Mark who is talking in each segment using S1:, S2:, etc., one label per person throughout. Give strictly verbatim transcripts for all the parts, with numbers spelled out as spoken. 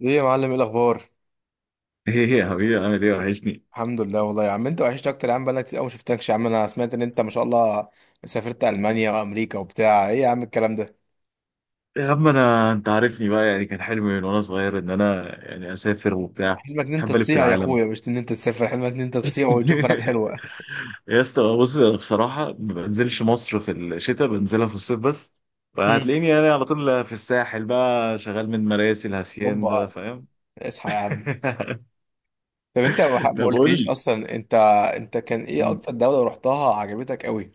S1: ايه يا معلم، ايه الاخبار؟
S2: ايه يا حبيبي، عامل ايه؟ وحشني.
S1: الحمد لله والله يا عم، انت وحشتك اكتر يا عم. بقالك كتير قوي ما شفتكش يا عم. انا سمعت ان انت ما شاء الله سافرت المانيا وامريكا وبتاع. ايه يا عم الكلام ده؟
S2: يا عم انا، انت عارفني بقى، يعني كان حلمي من وانا صغير ان انا يعني اسافر وبتاع.
S1: حلمك ان انت
S2: بحب الف في
S1: تصيع يا
S2: العالم.
S1: اخويا، مش ان انت تسافر. حلمك ان انت تصيع وتشوف بنات حلوه.
S2: يا اسطى بص، انا بصراحه ما بنزلش مصر في الشتاء، بنزلها في الصيف بس.
S1: هم.
S2: فهتلاقيني انا على طول في الساحل بقى شغال من مراسي الهسيان، ده
S1: هوبا.
S2: فاهم؟
S1: اصحى يا عم. طب انت ما ح- ما
S2: طب قول
S1: قلتليش
S2: لي.
S1: اصلا انت. انت كان ايه
S2: مم.
S1: اكتر دوله رحتها عجبتك قوي؟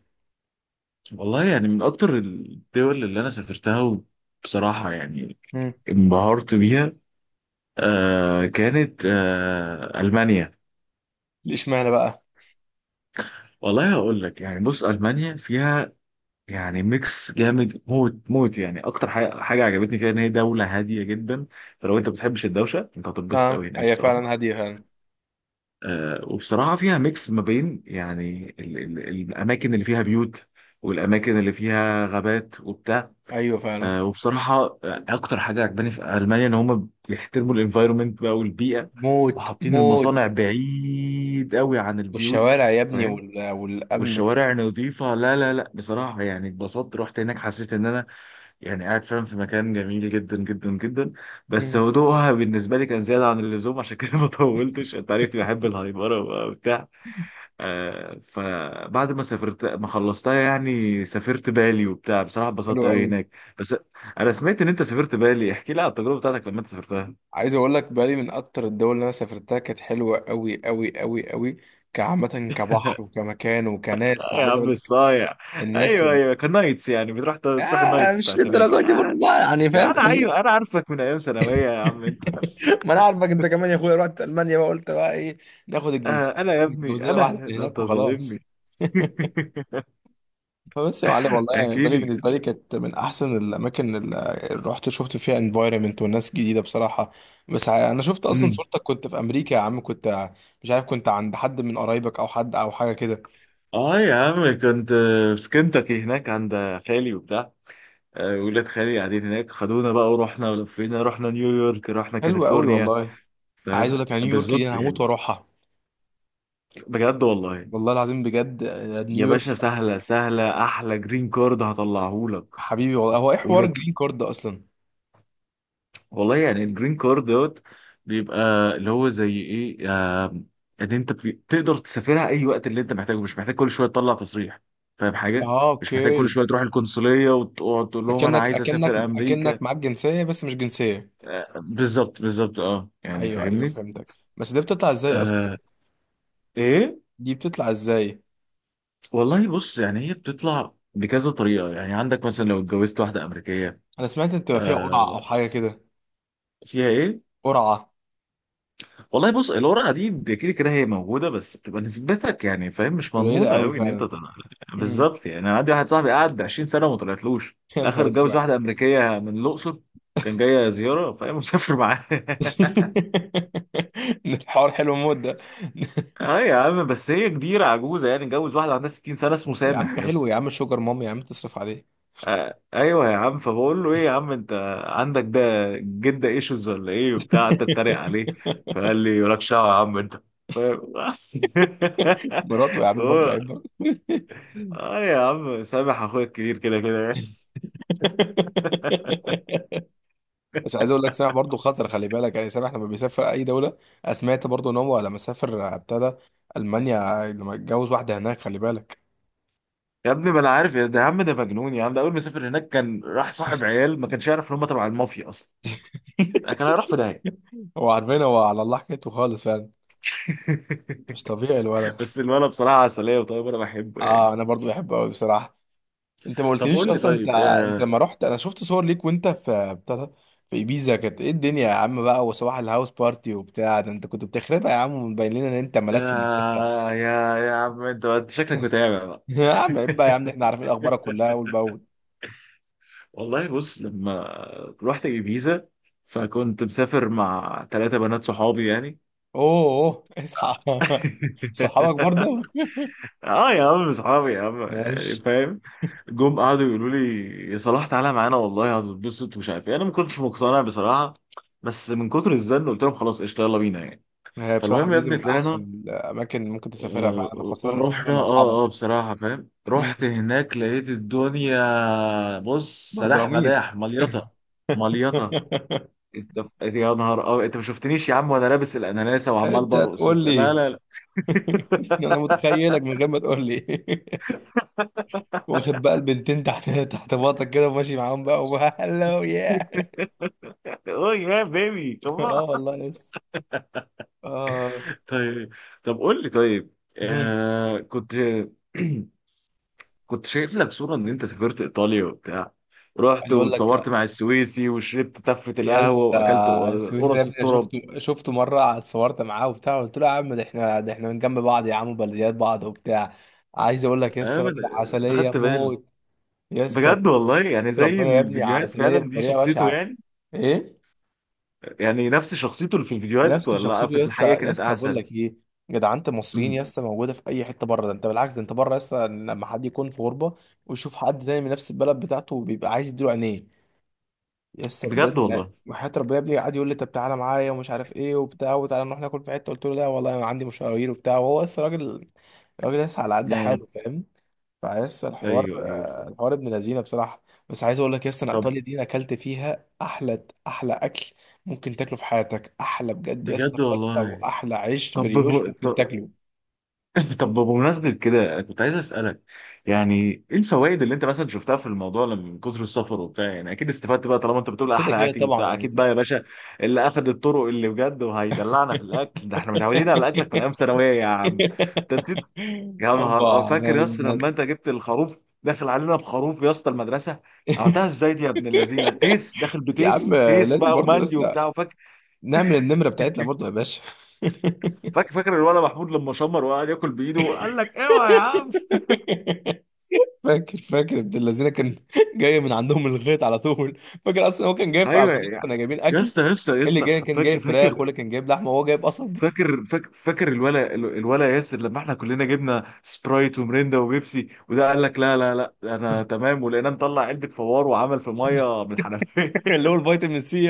S2: والله يعني من اكتر الدول اللي انا سافرتها بصراحه، يعني
S1: هم.
S2: انبهرت بيها. آه كانت آه المانيا.
S1: ليش معنى بقى؟
S2: والله هقول لك، يعني بص المانيا فيها يعني ميكس جامد موت موت. يعني اكتر حاجه حاجه عجبتني فيها ان هي دوله هاديه جدا. فلو انت بتحبش الدوشه، انت هتتبسط
S1: اه،
S2: قوي هناك
S1: هي
S2: بصراحه.
S1: فعلا هاديه فعلا.
S2: آه وبصراحه فيها ميكس ما بين يعني ال ال الاماكن اللي فيها بيوت، والاماكن اللي فيها غابات وبتاع.
S1: ايوه فعلا.
S2: آه وبصراحه آه، اكتر حاجه عجباني في المانيا ان هم بيحترموا الانفايرمنت بقى والبيئه،
S1: موت
S2: وحاطين
S1: موت.
S2: المصانع بعيد قوي عن البيوت،
S1: والشوارع يا ابني
S2: فاهم؟
S1: وال... والامن.
S2: والشوارع نظيفة. لا لا لا، بصراحة يعني اتبسطت، رحت هناك حسيت ان انا يعني قاعد فعلا في مكان جميل جدا جدا جدا. بس
S1: هم.
S2: هدوءها بالنسبة لي كان زيادة عن اللزوم، عشان كده ما طولتش. انت عرفت بحب الهايبرة وبقى وبتاع. آه فبعد ما سافرت ما خلصتها يعني، سافرت بالي وبتاع بصراحة
S1: حلو
S2: اتبسطت قوي
S1: قوي.
S2: هناك بس. انا سمعت ان انت سافرت بالي، احكي لي على التجربة بتاعتك لما انت سافرتها.
S1: عايز اقول لك، بالي من اكتر الدول اللي انا سافرتها، كانت حلوه قوي قوي قوي قوي. كعامه، كبحر وكمكان وكناس.
S2: آه يا
S1: عايز
S2: عم
S1: اقول لك
S2: الصايع.
S1: الناس.
S2: ايوه ايوه، كان نايتس، يعني بتروح، تروح
S1: آه
S2: النايتس
S1: مش
S2: بتاعت هناك.
S1: للدرجه دي برضه بقى، يعني
S2: يا
S1: فاهم.
S2: انا
S1: خلينا-
S2: ايوه، انا عارفك من ايام ثانويه يا عم انت.
S1: ما انا عارفك انت كمان يا اخويا. رحت المانيا بقى قلت بقى ايه، ناخد
S2: آه
S1: الجنسيه،
S2: انا يا
S1: نتجوز
S2: ابني،
S1: لنا واحده
S2: انا
S1: من
S2: ده
S1: هناك
S2: انت
S1: وخلاص.
S2: ظالمني.
S1: فبس يا معلم، والله
S2: احكي
S1: بالي
S2: لي.
S1: بالنسبه لي كانت من احسن الاماكن اللي رحت، شفت فيها انفايرمنت والناس جديده بصراحه. بس ع- انا شفت اصلا
S2: أمم.
S1: صورتك كنت في امريكا يا عم. كنت مش عارف، كنت عند حد من قرايبك او حد او حاجه كده.
S2: اه يا عم، كنت في كنتاكي هناك عند خالي وبتاع. آه، ولاد خالي قاعدين هناك، خدونا بقى ورحنا ولفينا، رحنا نيويورك رحنا
S1: حلو قوي
S2: كاليفورنيا.
S1: والله. عايز
S2: فاهم
S1: اقول لك على نيويورك دي،
S2: بالظبط
S1: انا
S2: يعني.
S1: هموت واروحها.
S2: بجد والله.
S1: والله العظيم بجد. آه،
S2: يا
S1: نيويورك
S2: باشا سهله سهله، احلى جرين كارد هطلعهولك.
S1: حبيبي والله. هو ايه حوار الجرين كارد ده اصلا؟
S2: والله يعني الجرين كارد دوت بيبقى اللي هو زي ايه، آم، ان انت بي- تقدر تسافرها اي وقت اللي انت محتاجه، مش محتاج كل شويه تطلع تصريح. فاهم حاجه؟
S1: اه،
S2: مش محتاج كل
S1: اوكي.
S2: شويه تروح القنصليه وتقعد تقول لهم انا
S1: اكنك
S2: عايز
S1: اكنك
S2: اسافر امريكا.
S1: اكنك معاك جنسيه بس مش جنسيه.
S2: آه، بالظبط بالظبط، اه يعني
S1: ايوه ايوه
S2: فاهمني.
S1: فهمتك. بس دي بتطلع ازاي اصلا؟
S2: آه. ايه.
S1: دي بتطلع ازاي؟
S2: والله بص، يعني هي بتطلع بكذا طريقه، يعني عندك مثلا
S1: مم.
S2: لو اتجوزت واحده امريكيه.
S1: انا سمعت ان بتبقى فيها قرعه
S2: آه.
S1: او حاجه كده.
S2: فيها ايه؟
S1: قرعه.
S2: والله بص، الورقه دي دي كده كده هي موجوده، بس بتبقى نسبتك يعني فاهم مش
S1: قليله
S2: مضمونه
S1: قوي
S2: قوي ان انت
S1: فعلا.
S2: تطلع.
S1: امم.
S2: بالظبط يعني، انا عندي واحد صاحبي قعد 20 سنه وما طلعتلوش. في
S1: يا
S2: الاخر
S1: نهار
S2: اتجوز
S1: اسود.
S2: واحده امريكيه من الاقصر، كان جايه زياره فاهم، مسافر معاه.
S1: الحوار حلو موت ده.
S2: اه يا عم، بس هي كبيره عجوزه، يعني اتجوز واحده عندها 60 سنه، اسمه
S1: يا
S2: سامح
S1: عم
S2: يا
S1: حلو،
S2: اسطى.
S1: يا عم شوجر ماما يا عم تصرف عليه.
S2: آه ايوه يا عم. فبقول له ايه يا عم انت، عندك ده جده ايشوز ولا ايه وبتاع، قعدت اتريق عليه. فقال لي مالكش دعوه يا عم انت، فاهم.
S1: مراته يا عم برضه،
S2: هو
S1: عيب برضه.
S2: اه يا عم، سامح اخويا الكبير كده كده يعني.
S1: بس عايز اقول لك، سامح برضه خطر، خلي بالك. يعني سامح لما بيسافر اي دوله، أنا سمعت برضه ان هو لما سافر ابتدى المانيا لما اتجوز واحده هناك، خلي بالك.
S2: يا ابني ما انا عارف، يا ده يا عم، ده مجنون يا عم، ده اول ما سافر هناك كان راح صاحب عيال ما كانش يعرف ان هم تبع المافيا اصلا، يعني كان هيروح في داهيه.
S1: هو عارفين، هو على الله حكايته خالص فعلا. مش طبيعي الولد.
S2: بس الولد بصراحه عسليه وطيب، انا بحبه يعني.
S1: اه، انا برضو بحبه قوي بصراحه. انت ما
S2: طب
S1: قلتليش
S2: قول لي
S1: اصلا انت.
S2: طيب
S1: انت
S2: آه
S1: لما رحت، انا شفت صور ليك وانت في بتاع، في ايبيزا. كانت ايه الدنيا يا عم بقى، وصباح الهاوس بارتي وبتاع. ده انت كنت بتخربها يا عم، ومبين لنا ان انت ملاك في المكان.
S2: آه يا يا عم، انت انت شكلك متابع بقى.
S1: يا عم عيب بقى، يا عم احنا عارفين اخبارك كلها اول باول.
S2: والله بص لما رحت ibiza، فكنت مسافر مع ثلاثة بنات صحابي يعني.
S1: اوه أوه، اصحى. صحابك برضه.
S2: اه يا عم، اصحابي يا عم يعني
S1: ماشي.
S2: فاهم. جم قعدوا يقولوا لي يا صلاح تعالى معانا والله هتتبسط ومش عارف ايه. انا ما كنتش مقتنع بصراحه، بس من كتر الزن قلت لهم خلاص قشطه يلا بينا يعني.
S1: هي بصراحة
S2: فالمهم يا
S1: بيزي
S2: ابني
S1: من أحسن
S2: طلعنا.
S1: الأماكن اللي ممكن تسافرها فعلا،
S2: آه،
S1: خاصة إن أنت تسافر
S2: رحنا.
S1: مع
S2: اه اه
S1: أصحابك.
S2: بصراحه فاهم،
S1: مم.
S2: رحت هناك لقيت الدنيا بص سداح
S1: بزراميط.
S2: مداح، مليطه مليطه. انت يا نهار، اه انت ما شفتنيش يا عم وانا لابس الاناناسه وعمال
S1: أنت
S2: برقص
S1: تقول
S2: وبتاع. لا
S1: لي؟
S2: لا لا.
S1: أنا متخيلك من غير ما تقول لي. واخد بقى البنتين تحت تحت باطك كده، وماشي معاهم بقى وهلو يا.
S2: اوه يا بيبي
S1: اه
S2: كمان.
S1: والله لسه. اه.
S2: طيب. طب قول لي طيب
S1: مم.
S2: آه كنت كنت شايف لك صورة ان انت سافرت ايطاليا وبتاع، رحت
S1: عايز اقول لك
S2: واتصورت مع السويسي وشربت تفة
S1: يا
S2: القهوة
S1: اسطى،
S2: واكلت
S1: السويسي ده يا
S2: قرص
S1: ابني، أنا
S2: التراب.
S1: شفته شفته مره، اتصورت معاه وبتاع، قلت له يا عم ده احنا ده احنا من جنب بعض يا عم وبلديات بعض وبتاع. عايز اقول لك يا
S2: آه،
S1: اسطى
S2: انا
S1: راجل
S2: أنا
S1: عسليه
S2: خدت بالي.
S1: موت. يا اسطى،
S2: بجد والله، يعني زي
S1: ربنا يا ابني
S2: الفيديوهات
S1: عسليه
S2: فعلا، دي
S1: بطريقه
S2: شخصيته
S1: بشعه.
S2: يعني.
S1: ايه.
S2: يعني نفس شخصيته اللي في الفيديوهات،
S1: نفس
S2: ولا
S1: شخصيته
S2: في
S1: يا اسطى،
S2: الحقيقة
S1: يا
S2: كانت
S1: اسطى بقول
S2: احسن؟
S1: لك ايه، جدعنة المصريين
S2: مم.
S1: يا اسطى موجوده في اي حته بره. ده انت بالعكس، ده انت بره يا اسطى لما حد يكون في غربه ويشوف حد تاني من نفس البلد بتاعته، بيبقى عايز يديله عينيه. يسا
S2: بجد
S1: بجد، لا
S2: والله
S1: وحياة ربنا يا ابني قعد يقول لي طب تعالى معايا ومش عارف ايه وبتاع، وتعالى نروح ناكل في حته. قلت له لا والله انا عندي مشاوير وبتاع، وهو لسه راجل، راجل لسه على قد
S2: يعني.
S1: حاله، فاهم. فلسه الحوار.
S2: ايوه ايوه
S1: آه،
S2: فعلا.
S1: الحوار ابن لذينه بصراحه. بس عايز اقول لك يسا، انا
S2: طب
S1: ايطاليا دي أنا اكلت فيها احلى احلى اكل ممكن تاكله في حياتك. احلى بجد يسا
S2: بجد
S1: فتة
S2: والله.
S1: واحلى عيش
S2: طب هو-
S1: بريوش ممكن تاكله.
S2: طب بمناسبة كده، كنت عايز أسألك يعني إيه الفوائد اللي أنت مثلا شفتها في الموضوع، لما- من كتر السفر وبتاع، يعني أكيد استفدت بقى، طالما أنت بتقول
S1: كده
S2: أحلى
S1: كده
S2: أكل
S1: طبعا
S2: وبتاع أكيد
S1: يعني.
S2: بقى يا باشا. اللي أخد الطرق، اللي بجد وهيدلعنا في الأكل ده، إحنا متعودين على أكلك من أيام ثانوية يا عم. أنت نسيت. يا نهار أه
S1: أوبا. أنا
S2: فاكر يا اسطى
S1: أنا-
S2: لما أنت جبت الخروف داخل علينا، بخروف يا اسطى المدرسة، عملتها إزاي دي يا ابن اللذينة؟ تيس داخل
S1: يا عم
S2: بتيس، تيس
S1: لازم
S2: بقى
S1: برضو ناس،
S2: ومندي وبتاع. وفاكر،
S1: نعمل النمرة بتاعتنا برضو يا باشا.
S2: فاكر فاكر الولد محمود لما شمر وقعد ياكل بإيده وقال لك أوعى يا عم.
S1: فاكر فاكر ابن الذين كان جاي من عندهم الغيط على طول. فاكر اصلا هو كان جايب في
S2: ايوه
S1: عجولات،
S2: يا
S1: كنا جايبين
S2: يا
S1: اكل.
S2: اسطى يا اسطى يا
S1: اللي
S2: اسطى،
S1: جاي كان
S2: فاكر
S1: جايب فراخ،
S2: فاكر
S1: واللي كان جايب لحمه، وهو جايب قصب.
S2: فاكر فاكر فاكر الولا الولا ياسر لما احنا كلنا جبنا سبرايت ومريندا وبيبسي، وده قال لك لا لا لا انا تمام، ولقيناه مطلع علبه فوار وعمل في ميه من الحنفيه.
S1: اللي هو الفيتامين سي.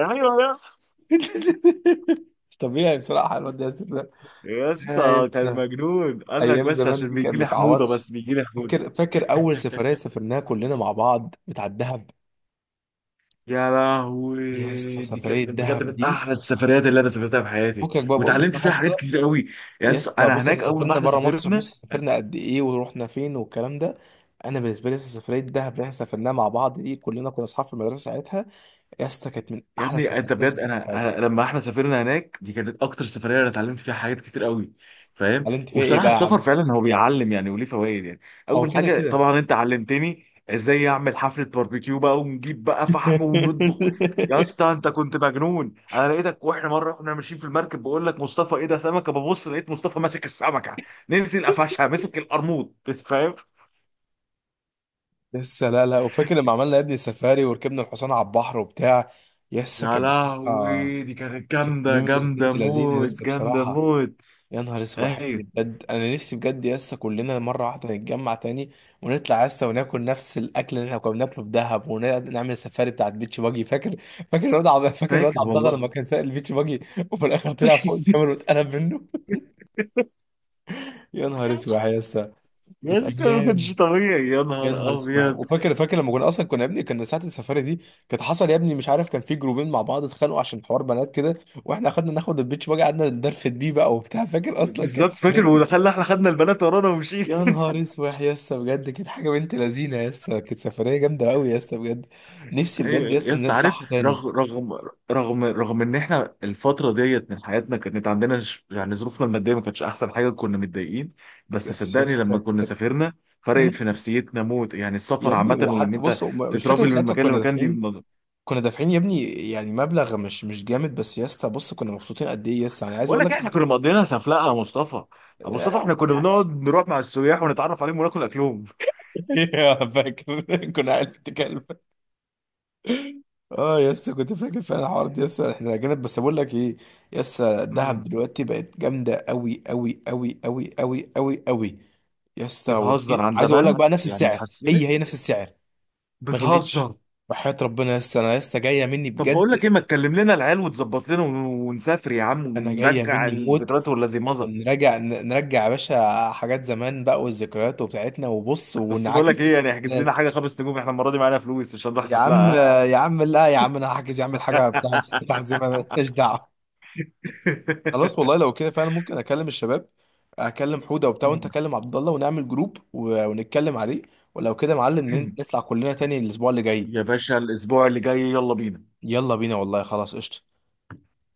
S2: ايوه يا اسطى.
S1: مش طبيعي بصراحه الواد ياسر ده.
S2: يا
S1: آه، يا
S2: اسطى كان
S1: ياسر.
S2: مجنون، قال لك
S1: ايام
S2: بس
S1: زمان
S2: عشان
S1: دي كانت
S2: بيجي لي حموضه،
S1: متعوضش.
S2: بس بيجي لي حموضه.
S1: فاكر فاكر اول سفريه سافرناها كلنا مع بعض بتاع الدهب.
S2: يا
S1: يا اسطى
S2: لهوي دي
S1: سفريه
S2: كانت بجد
S1: الدهب
S2: من
S1: دي،
S2: احلى السفريات اللي انا سافرتها في حياتي،
S1: فكك بقى بقى
S2: واتعلمت
S1: بصراحه.
S2: فيها حاجات كتير قوي. يا
S1: يس
S2: اسطى انا
S1: بص، احنا
S2: هناك اول ما
S1: سافرنا
S2: احنا
S1: بره مصر،
S2: سافرنا.
S1: بص سافرنا قد ايه ورحنا فين والكلام ده. انا بالنسبه لي لسه سفريه دهب اللي احنا سافرناها مع بعض دي، كلنا كنا اصحاب في المدرسه ساعتها. يس كانت من
S2: يا
S1: احلى
S2: ابني
S1: السفرات
S2: انت
S1: اللي
S2: بجد،
S1: سافرتها في
S2: انا.
S1: حياتي.
S2: أنا- لما احنا سافرنا هناك، دي كانت اكتر سفريه انا اتعلمت فيها حاجات كتير قوي، فاهم.
S1: قال انت فيها ايه
S2: وبصراحه
S1: بقى يا
S2: السفر
S1: عم.
S2: فعلا هو بيعلم يعني، وليه فوائد يعني.
S1: هو
S2: اول
S1: كده
S2: حاجه
S1: كده.
S2: طبعا انت علمتني ازاي اعمل حفله باربيكيو بقى، ونجيب بقى فحم ونطبخ. يا اسطى انت كنت مجنون، انا لقيتك واحنا مره واحنا ماشيين في المركب بقول لك مصطفى ايه ده؟ سمكه. ببص لقيت مصطفى ماسك السمكه، نزل قفشها مسك القرموط. فاهم.
S1: لسه. لا لا، وفاكر لما عملنا يا ابني سفاري وركبنا الحصان على البحر وبتاع. يس
S2: يا
S1: كانت بصراحه،
S2: لهوي دي كانت
S1: كانت
S2: جامده
S1: ميمز
S2: جامده
S1: بنت لذينه
S2: موت،
S1: لسه
S2: جامده
S1: بصراحه.
S2: موت.
S1: يا نهار اسود، حلو
S2: ايوه
S1: بجد. انا نفسي بجد يا اسطى كلنا مره واحده نتجمع تاني، ونطلع يا اسطى وناكل نفس الاكل اللي احنا كنا بناكله في دهب، ونعمل السفاري بتاعت بيتش باجي، فاكر؟ فاكر الواد عبد فاكر الواد
S2: فاكر
S1: عبد الله
S2: والله.
S1: لما كان سائل البيتش باجي، وفي الاخر طلع فوق الجبل واتقلب منه. يا نهار اسود يا اسطى.
S2: يا
S1: كانت
S2: اسطى ما كانش
S1: ايام.
S2: طبيعي، يا
S1: يا
S2: نهار
S1: نهار اسود.
S2: ابيض.
S1: وفاكر فاكر لما كنا اصلا، كنا يا ابني، كنا ساعه السفاري دي، كانت حصل يا ابني مش عارف كان في جروبين مع بعض اتخانقوا عشان حوار بنات كده. واحنا خدنا ناخد البيتش باجي، قعدنا ندرفد بيه بقى وبتاع، فاكر اصلا
S2: بالظبط
S1: كانت.
S2: فاكر، ودخلنا احنا خدنا البنات ورانا ومشينا.
S1: يا نهار اسود يا اسطى بجد، كانت حاجه بنت لذينه يا اسطى، كانت سفريه جامده قوي يا اسطى بجد. نفسي بجد يا
S2: ايوه
S1: اسطى
S2: يا
S1: ان
S2: اسطى عارف،
S1: نطلعها تاني.
S2: رغم رغم رغم رغم ان احنا الفتره ديت من حياتنا كانت عندنا ش- يعني ظروفنا الماديه ما كانتش احسن حاجه، كنا متضايقين. بس
S1: بس يا
S2: صدقني لما
S1: اسطى
S2: كنا
S1: كانت.
S2: سافرنا فرقت
S1: مم.
S2: في نفسيتنا موت، يعني
S1: يا
S2: السفر
S1: ابني
S2: عامه وان
S1: وحتى
S2: انت
S1: بص، وم- مش فاكر
S2: تترافل من
S1: ساعتها
S2: مكان
S1: كنا
S2: لمكان دي
S1: دافعين.
S2: بالنظر.
S1: كنا دافعين يا ابني يعني مبلغ مش مش جامد، بس يا اسطى بص كنا مبسوطين قد ايه يا اسطى، يعني عايز
S2: بقول
S1: اقول
S2: لك إيه،
S1: لك.
S2: احنا كنا مقضيينها سفلقه يا مصطفى ابو مصطفى، احنا كنا بنقعد نروح مع السياح ونتعرف عليهم وناكل اكلهم.
S1: فاكر. كنا عيال بتتكلم. اه يسا، كنت فاكر فعلا الحوار ده يسا، احنا جامد. بس بقول لك ايه، يسا الدهب دلوقتي بقت جامده قوي قوي قوي قوي قوي قوي قوي يا اسطى، ورخيص.
S2: بتهزر؟ عن
S1: عايز اقول لك
S2: زمان
S1: بقى نفس
S2: يعني
S1: السعر، هي
S2: اتحسنت؟
S1: هي نفس السعر. ما غلتش.
S2: بتهزر.
S1: وحياة ربنا يا اسطى انا لسه جايه مني
S2: طب بقول
S1: بجد.
S2: لك ايه، ما تكلم لنا العيال وتظبط لنا ون- ونسافر يا عم
S1: انا جايه
S2: ونرجع
S1: مني موت.
S2: الذكريات، ولا زي مضى؟
S1: ونرجع ن- نرجع يا باشا حاجات زمان بقى، والذكريات وبتاعتنا، وبص
S2: بس بقول
S1: ونعاكس
S2: لك ايه،
S1: نفس
S2: يعني احجز لنا
S1: الذكريات.
S2: حاجه خمس نجوم، احنا المره دي معانا فلوس عشان نروح
S1: يا عم.
S2: سفلقه، ها؟
S1: يا عم لا يا عم، انا هحجز يا عم الحاجه بتاعت بتاعت زمان ماليش دعوه. خلاص والله لو كده فعلا ممكن اكلم الشباب، اكلم حوده وبتاع، وانت اكلم عبد الله ونعمل جروب و- ونتكلم عليه. ولو كده يا معلم نطلع كلنا تاني الاسبوع اللي جاي.
S2: يا باشا الاسبوع اللي جاي يلا بينا.
S1: يلا بينا والله، خلاص قشطة.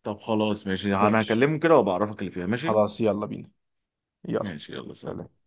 S2: طب خلاص ماشي، انا
S1: ماشي.
S2: هكلمهم كده وبعرفك اللي فيها ماشي.
S1: خلاص يلا بينا. يلا،
S2: ماشي يلا، سلام.
S1: سلام.